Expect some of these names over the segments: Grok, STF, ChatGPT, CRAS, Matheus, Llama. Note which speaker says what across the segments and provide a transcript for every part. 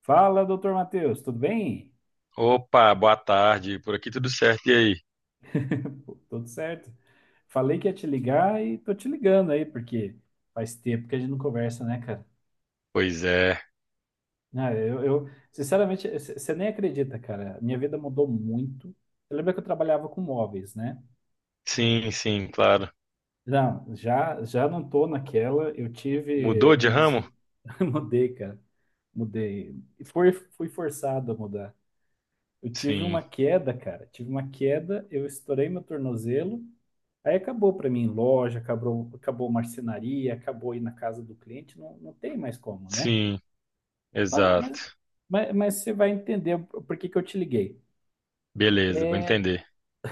Speaker 1: Fala, doutor Matheus, tudo bem?
Speaker 2: Opa, boa tarde. Por aqui tudo certo, e aí?
Speaker 1: Pô, tudo certo? Falei que ia te ligar e tô te ligando aí, porque faz tempo que a gente não conversa, né, cara?
Speaker 2: Pois é.
Speaker 1: Sinceramente, você nem acredita, cara. Minha vida mudou muito. Eu lembro que eu trabalhava com móveis, né?
Speaker 2: Sim, sim, claro.
Speaker 1: Não, já não tô naquela. Eu tive
Speaker 2: Mudou de
Speaker 1: um
Speaker 2: ramo?
Speaker 1: acidente. Mudei, cara. Mudei. E fui forçado a mudar. Eu tive
Speaker 2: Sim,
Speaker 1: uma queda, cara. Tive uma queda, eu estourei meu tornozelo. Aí acabou para mim loja, acabou, acabou marcenaria, acabou ir na casa do cliente, não, não tem mais como, né?
Speaker 2: sim,
Speaker 1: Mas, mas,
Speaker 2: exato.
Speaker 1: mas você vai entender por que que eu te liguei.
Speaker 2: Beleza, vou
Speaker 1: É,
Speaker 2: entender.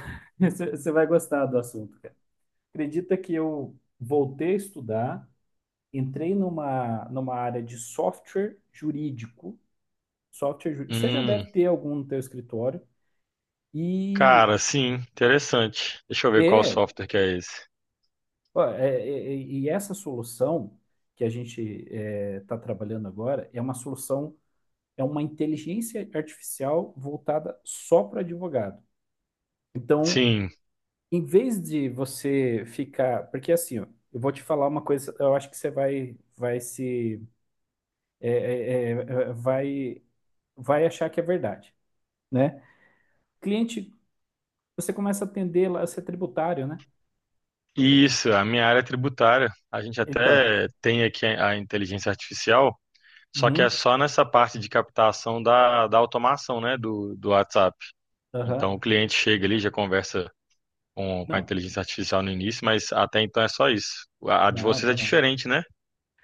Speaker 1: você vai gostar do assunto, cara. Acredita que eu voltei a estudar, entrei numa área de software jurídico, software jurídico. Você já
Speaker 2: Hum,
Speaker 1: deve ter algum no teu escritório. E
Speaker 2: cara, sim, interessante. Deixa eu ver qual
Speaker 1: é,
Speaker 2: software que é esse.
Speaker 1: ó, e essa solução que a gente está trabalhando agora é uma solução, é uma inteligência artificial voltada só para advogado. Então,
Speaker 2: Sim,
Speaker 1: em vez de você ficar. Porque assim, ó, eu vou te falar uma coisa, eu acho que você vai, vai se. É, é, é, é, vai, vai achar que é verdade, né? Cliente, você começa a atender lá, você é tributário, né?
Speaker 2: isso, a minha área é tributária. A gente
Speaker 1: Então.
Speaker 2: até tem aqui a inteligência artificial, só que é
Speaker 1: Uhum,
Speaker 2: só nessa parte de captação da automação, né, do WhatsApp. Então o
Speaker 1: aham.
Speaker 2: cliente chega ali, já conversa com a
Speaker 1: Não,
Speaker 2: inteligência artificial no início, mas até então é só isso. A de
Speaker 1: não,
Speaker 2: vocês é
Speaker 1: não, não.
Speaker 2: diferente, né?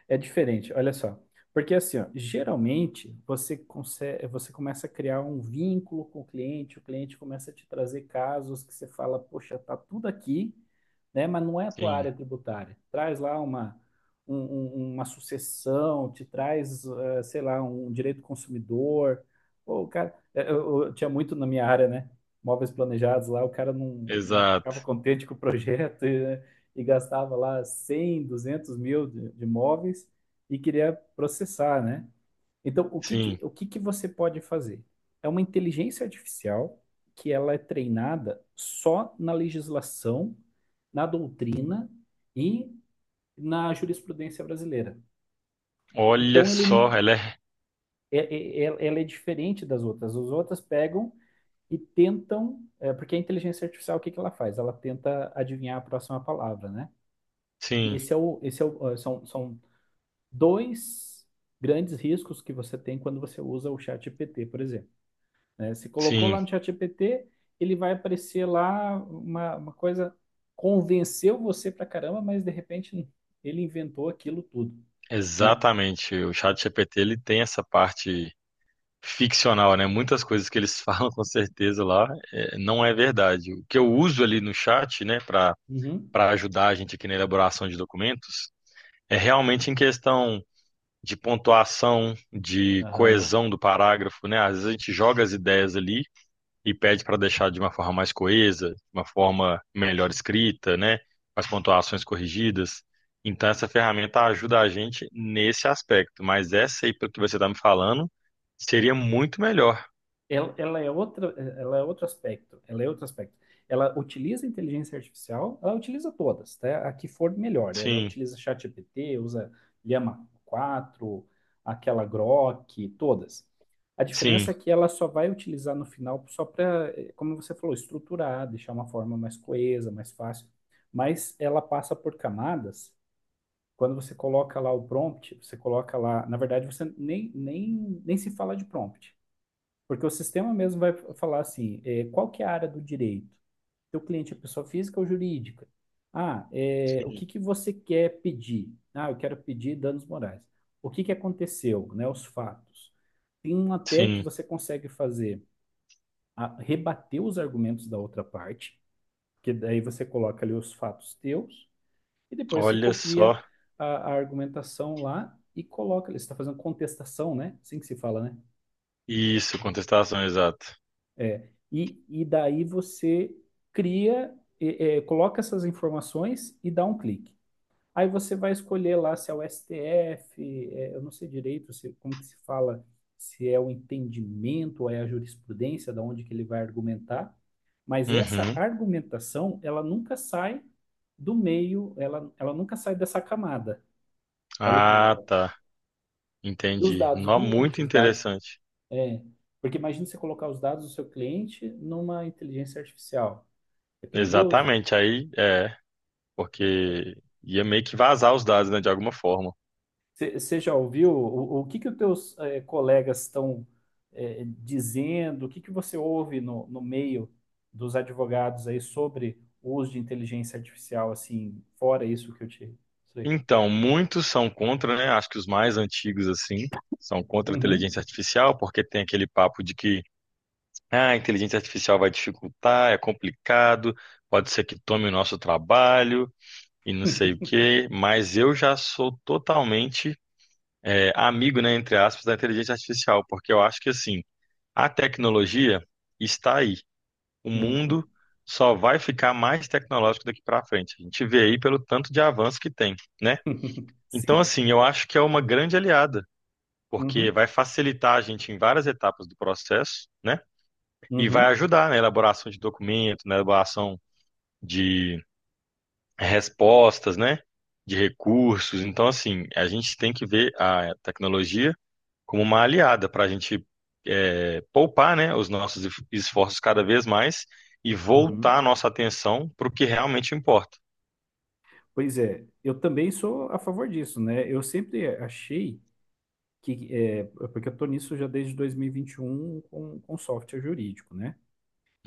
Speaker 1: É diferente, olha só. Porque assim, ó, geralmente você consegue, você começa a criar um vínculo com o cliente começa a te trazer casos que você fala, poxa, tá tudo aqui, né? Mas não é a tua
Speaker 2: Sim,
Speaker 1: área tributária. Traz lá uma sucessão, te traz, sei lá, um direito consumidor. Pô, o cara, eu tinha muito na minha área, né? Móveis planejados lá, o cara não
Speaker 2: exato.
Speaker 1: ficava contente com o projeto, né? E gastava lá 100 200 mil de móveis e queria processar, né? Então,
Speaker 2: Sim,
Speaker 1: o que que você pode fazer? É uma inteligência artificial que ela é treinada só na legislação, na doutrina e na jurisprudência brasileira.
Speaker 2: olha
Speaker 1: Então, ele,
Speaker 2: só, ela é.
Speaker 1: é, é- é- ela é diferente das outras. As outras pegam e tentam, é, porque a inteligência artificial, o que que ela faz? Ela tenta adivinhar a próxima palavra, né? E
Speaker 2: Sim,
Speaker 1: esse é o, são, são dois grandes riscos que você tem quando você usa o ChatGPT, por exemplo. Né? Você colocou lá
Speaker 2: sim,
Speaker 1: no ChatGPT, ele vai aparecer lá uma coisa, convenceu você pra caramba, mas de repente ele inventou aquilo tudo, né?
Speaker 2: exatamente. O chat GPT ele tem essa parte ficcional, né? Muitas coisas que eles falam com certeza lá é, não é verdade. O que eu uso ali no chat, né, para
Speaker 1: Uhum.
Speaker 2: para ajudar a gente aqui na elaboração de documentos, é realmente em questão de pontuação, de
Speaker 1: Aham.
Speaker 2: coesão do parágrafo, né? Às vezes a gente joga as ideias ali e pede para deixar de uma forma mais coesa, de uma forma melhor escrita, né? Com as pontuações corrigidas. Então, essa ferramenta ajuda a gente nesse aspecto, mas essa aí, pelo que você está me falando, seria muito melhor.
Speaker 1: Ela é outra, ela é outro aspecto, ela é outro aspecto. Ela utiliza a inteligência artificial, ela utiliza todas, tá? A que for melhor. Ela
Speaker 2: Sim,
Speaker 1: utiliza ChatGPT, usa Llama quatro, aquela Grok, todas. A diferença
Speaker 2: sim,
Speaker 1: é que ela só vai utilizar no final só para, como você falou, estruturar, deixar uma forma mais coesa, mais fácil. Mas ela passa por camadas. Quando você coloca lá o prompt, você coloca lá, na verdade, você nem se fala de prompt. Porque o sistema mesmo vai falar assim, qual que é a área do direito? Teu cliente é pessoa física ou jurídica? O que
Speaker 2: sim,
Speaker 1: que você quer pedir? Ah, eu quero pedir danos morais. O que que aconteceu, né? Os fatos. Tem um até que
Speaker 2: sim.
Speaker 1: você consegue fazer, rebater os argumentos da outra parte, que daí você coloca ali os fatos teus, e depois você
Speaker 2: Olha
Speaker 1: copia
Speaker 2: só.
Speaker 1: a, a argumentação lá e coloca ali. Você está fazendo contestação, né? Assim que se fala, né?
Speaker 2: Isso, contestação exata.
Speaker 1: E daí você cria, coloca essas informações e dá um clique. Aí você vai escolher lá se é o STF, é, eu não sei direito se, como que se fala, se é o entendimento ou é a jurisprudência, da onde que ele vai argumentar, mas essa
Speaker 2: Uhum.
Speaker 1: argumentação, ela nunca sai do meio, ela nunca sai dessa camada. Olha que
Speaker 2: Ah,
Speaker 1: legal.
Speaker 2: tá.
Speaker 1: E os
Speaker 2: Entendi.
Speaker 1: dados do
Speaker 2: Nó,
Speaker 1: cliente,
Speaker 2: muito
Speaker 1: os dados,
Speaker 2: interessante.
Speaker 1: é, porque imagina você colocar os dados do seu cliente numa inteligência artificial. É perigoso.
Speaker 2: Exatamente. Aí é, porque ia meio que vazar os dados, né, de alguma forma.
Speaker 1: Você já ouviu o que que os teus colegas estão dizendo? O que que você ouve no meio dos advogados aí sobre o uso de inteligência artificial, assim, fora isso que eu te... Sei.
Speaker 2: Então, muitos são contra, né? Acho que os mais antigos, assim, são contra a
Speaker 1: Uhum.
Speaker 2: inteligência artificial, porque tem aquele papo de que ah, a inteligência artificial vai dificultar, é complicado, pode ser que tome o nosso trabalho e não sei o quê. Mas eu já sou totalmente é, amigo, né, entre aspas, da inteligência artificial, porque eu acho que, assim, a tecnologia está aí. O
Speaker 1: Uhum.
Speaker 2: mundo só vai ficar mais tecnológico daqui para frente. A gente vê aí pelo tanto de avanço que tem, né? Então,
Speaker 1: Sim.
Speaker 2: assim, eu acho que é uma grande aliada, porque
Speaker 1: Uhum.
Speaker 2: vai facilitar a gente em várias etapas do processo, né? E vai
Speaker 1: Uhum.
Speaker 2: ajudar na elaboração de documento, na elaboração de respostas, né? De recursos. Então, assim, a gente tem que ver a tecnologia como uma aliada para a gente é, poupar, né? Os nossos esforços cada vez mais e voltar a
Speaker 1: Uhum.
Speaker 2: nossa atenção para o que realmente importa.
Speaker 1: Pois é, eu também sou a favor disso, né? Eu sempre achei que, é, porque eu tô nisso já desde dois mil e vinte e um com software jurídico, né?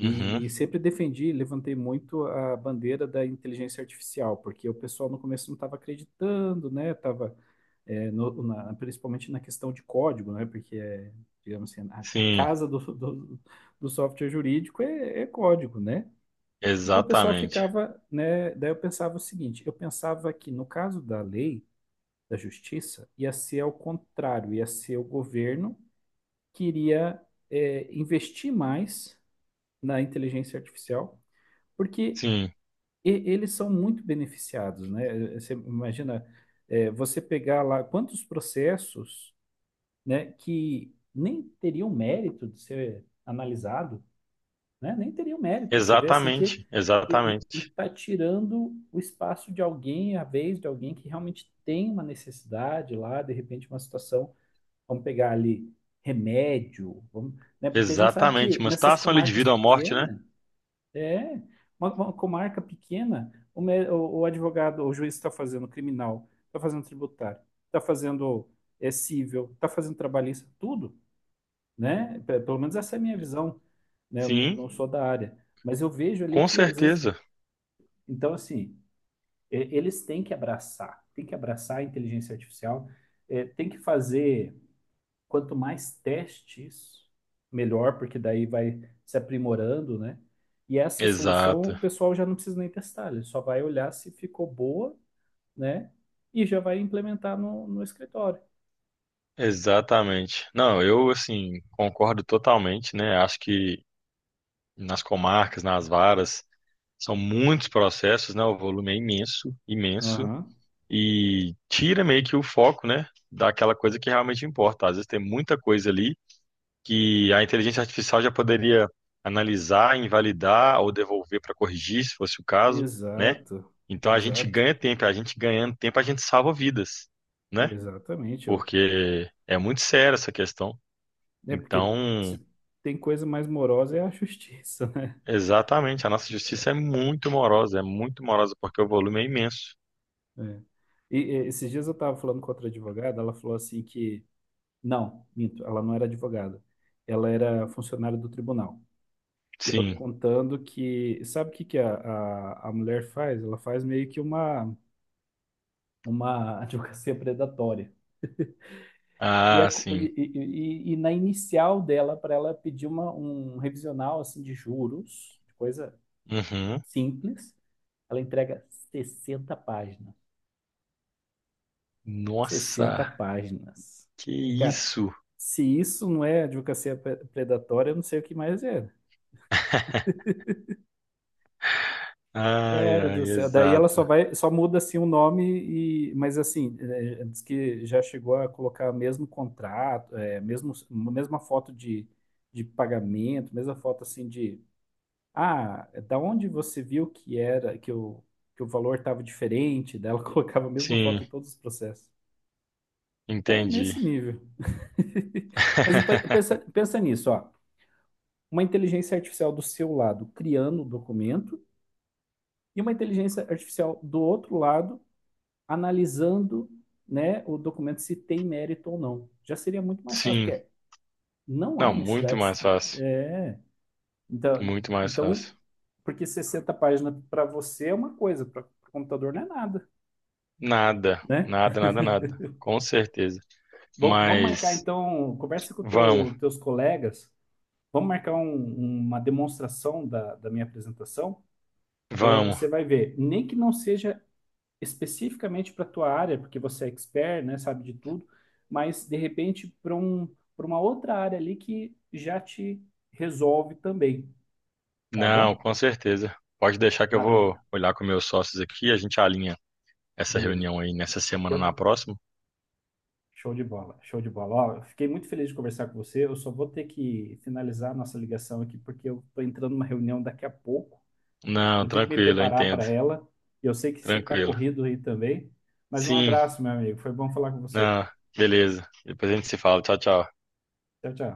Speaker 1: E sempre defendi, levantei muito a bandeira da inteligência artificial, porque o pessoal no começo não estava acreditando, né? Tava, principalmente na questão de código, né? Porque é, digamos assim, a
Speaker 2: Sim,
Speaker 1: casa do software jurídico é, é código, né? E o pessoal
Speaker 2: exatamente.
Speaker 1: ficava, né? Daí eu pensava o seguinte, eu pensava que no caso da lei, da justiça, ia ser ao contrário, ia ser o governo que iria, é, investir mais na inteligência artificial porque
Speaker 2: Sim,
Speaker 1: e- eles são muito beneficiados, né? É, você imagina, é, você pegar lá quantos processos, né, que nem teriam mérito de ser analisado, né? Nem teriam mérito. Você vê assim que,
Speaker 2: exatamente,
Speaker 1: que e,
Speaker 2: exatamente.
Speaker 1: está tirando o espaço de alguém, a vez de alguém que realmente tem uma necessidade lá, de repente uma situação, vamos pegar ali remédio, vamos, né? Porque a gente sabe
Speaker 2: Exatamente,
Speaker 1: que
Speaker 2: uma
Speaker 1: nessas
Speaker 2: situação ali de
Speaker 1: comarcas
Speaker 2: vida ou morte, né?
Speaker 1: pequenas é, uma comarca pequena, o advogado, o juiz está fazendo criminal, está fazendo tributário, está fazendo civil, está fazendo trabalhista, tudo, né? Pelo menos essa é a minha visão, né? Eu
Speaker 2: Sim,
Speaker 1: não sou da área, mas eu vejo ali
Speaker 2: com
Speaker 1: que às vezes,
Speaker 2: certeza.
Speaker 1: então assim, eles têm que abraçar a inteligência artificial, é, tem que fazer quanto mais testes, melhor, porque daí vai se aprimorando, né? E essa solução o
Speaker 2: Exato,
Speaker 1: pessoal já não precisa nem testar, ele só vai olhar se ficou boa, né? E já vai implementar no escritório.
Speaker 2: exatamente. Não, eu assim concordo totalmente, né? Acho que nas comarcas, nas varas, são muitos processos, né? O volume é imenso, imenso
Speaker 1: Aham,
Speaker 2: e tira meio que o foco, né? Daquela coisa que realmente importa. Às vezes tem muita coisa ali que a inteligência artificial já poderia analisar, invalidar ou devolver para corrigir, se fosse o caso, né?
Speaker 1: exato,
Speaker 2: Então a gente
Speaker 1: exato,
Speaker 2: ganha tempo, a gente ganhando tempo, a gente salva vidas, né?
Speaker 1: exatamente. Eu,
Speaker 2: Porque é muito séria essa questão.
Speaker 1: é porque
Speaker 2: Então,
Speaker 1: se tem coisa mais morosa é a justiça, né?
Speaker 2: exatamente, a nossa justiça é muito morosa porque o volume é imenso.
Speaker 1: É. Esses dias eu estava falando com outra advogada, ela falou assim que, não, minto, ela não era advogada, ela era funcionária do tribunal. E ela
Speaker 2: Sim.
Speaker 1: contando que. Sabe o que, que a mulher faz? Ela faz meio que uma advocacia predatória. E, a
Speaker 2: Ah,
Speaker 1: co-
Speaker 2: sim.
Speaker 1: e na inicial dela, para ela pedir um revisional assim, de juros, coisa
Speaker 2: Uhum.
Speaker 1: simples, ela entrega 60 páginas. 60
Speaker 2: Nossa,
Speaker 1: páginas.
Speaker 2: que
Speaker 1: Cara,
Speaker 2: isso?
Speaker 1: se isso não é predatória, eu não sei o que mais é.
Speaker 2: Ai,
Speaker 1: Cara do
Speaker 2: ai,
Speaker 1: céu. Daí ela só
Speaker 2: exato.
Speaker 1: vai, só muda assim o nome e, mas assim, é, diz que já chegou a colocar mesmo contrato, é, mesmo mesma foto de pagamento, mesma foto assim de, ah, é da onde você viu que era que o valor estava diferente, daí ela colocava a mesma foto
Speaker 2: Sim,
Speaker 1: em todos os processos. Tá
Speaker 2: entendi.
Speaker 1: nesse nível. Mas pensa nisso, ó. Uma inteligência artificial do seu lado criando o documento e uma inteligência artificial do outro lado analisando, né, o documento se tem mérito ou não. Já seria muito mais fácil,
Speaker 2: Sim.
Speaker 1: porque não há
Speaker 2: Não, muito
Speaker 1: necessidade.
Speaker 2: mais fácil.
Speaker 1: É, então,
Speaker 2: Muito mais
Speaker 1: então,
Speaker 2: fácil.
Speaker 1: porque 60 páginas para você é uma coisa, para o computador não é nada,
Speaker 2: Nada,
Speaker 1: né?
Speaker 2: nada, nada, nada. Com certeza.
Speaker 1: Bom, vamos marcar
Speaker 2: Mas
Speaker 1: então, conversa com
Speaker 2: vamos,
Speaker 1: teus colegas, vamos marcar uma demonstração da minha apresentação. É,
Speaker 2: vamos.
Speaker 1: você vai ver, nem que não seja especificamente para a tua área, porque você é expert, né, sabe de tudo, mas de repente para um, para uma outra área ali que já te resolve também, tá
Speaker 2: Não,
Speaker 1: bom?
Speaker 2: com certeza. Pode deixar que eu
Speaker 1: Maravilha,
Speaker 2: vou olhar com meus sócios aqui, a gente alinha essa
Speaker 1: beleza.
Speaker 2: reunião aí nessa semana ou
Speaker 1: Eu,
Speaker 2: na próxima.
Speaker 1: show de bola, show de bola. Ó, eu fiquei muito feliz de conversar com você. Eu só vou ter que finalizar a nossa ligação aqui, porque eu estou entrando numa reunião daqui a pouco.
Speaker 2: Não,
Speaker 1: Eu tenho que me
Speaker 2: tranquilo, eu
Speaker 1: preparar para
Speaker 2: entendo.
Speaker 1: ela. E eu sei que você está
Speaker 2: Tranquilo.
Speaker 1: corrido aí também. Mas um
Speaker 2: Sim,
Speaker 1: abraço, meu amigo. Foi bom falar com você.
Speaker 2: não, beleza. Depois a gente se fala. Tchau, tchau.
Speaker 1: Tchau, tchau.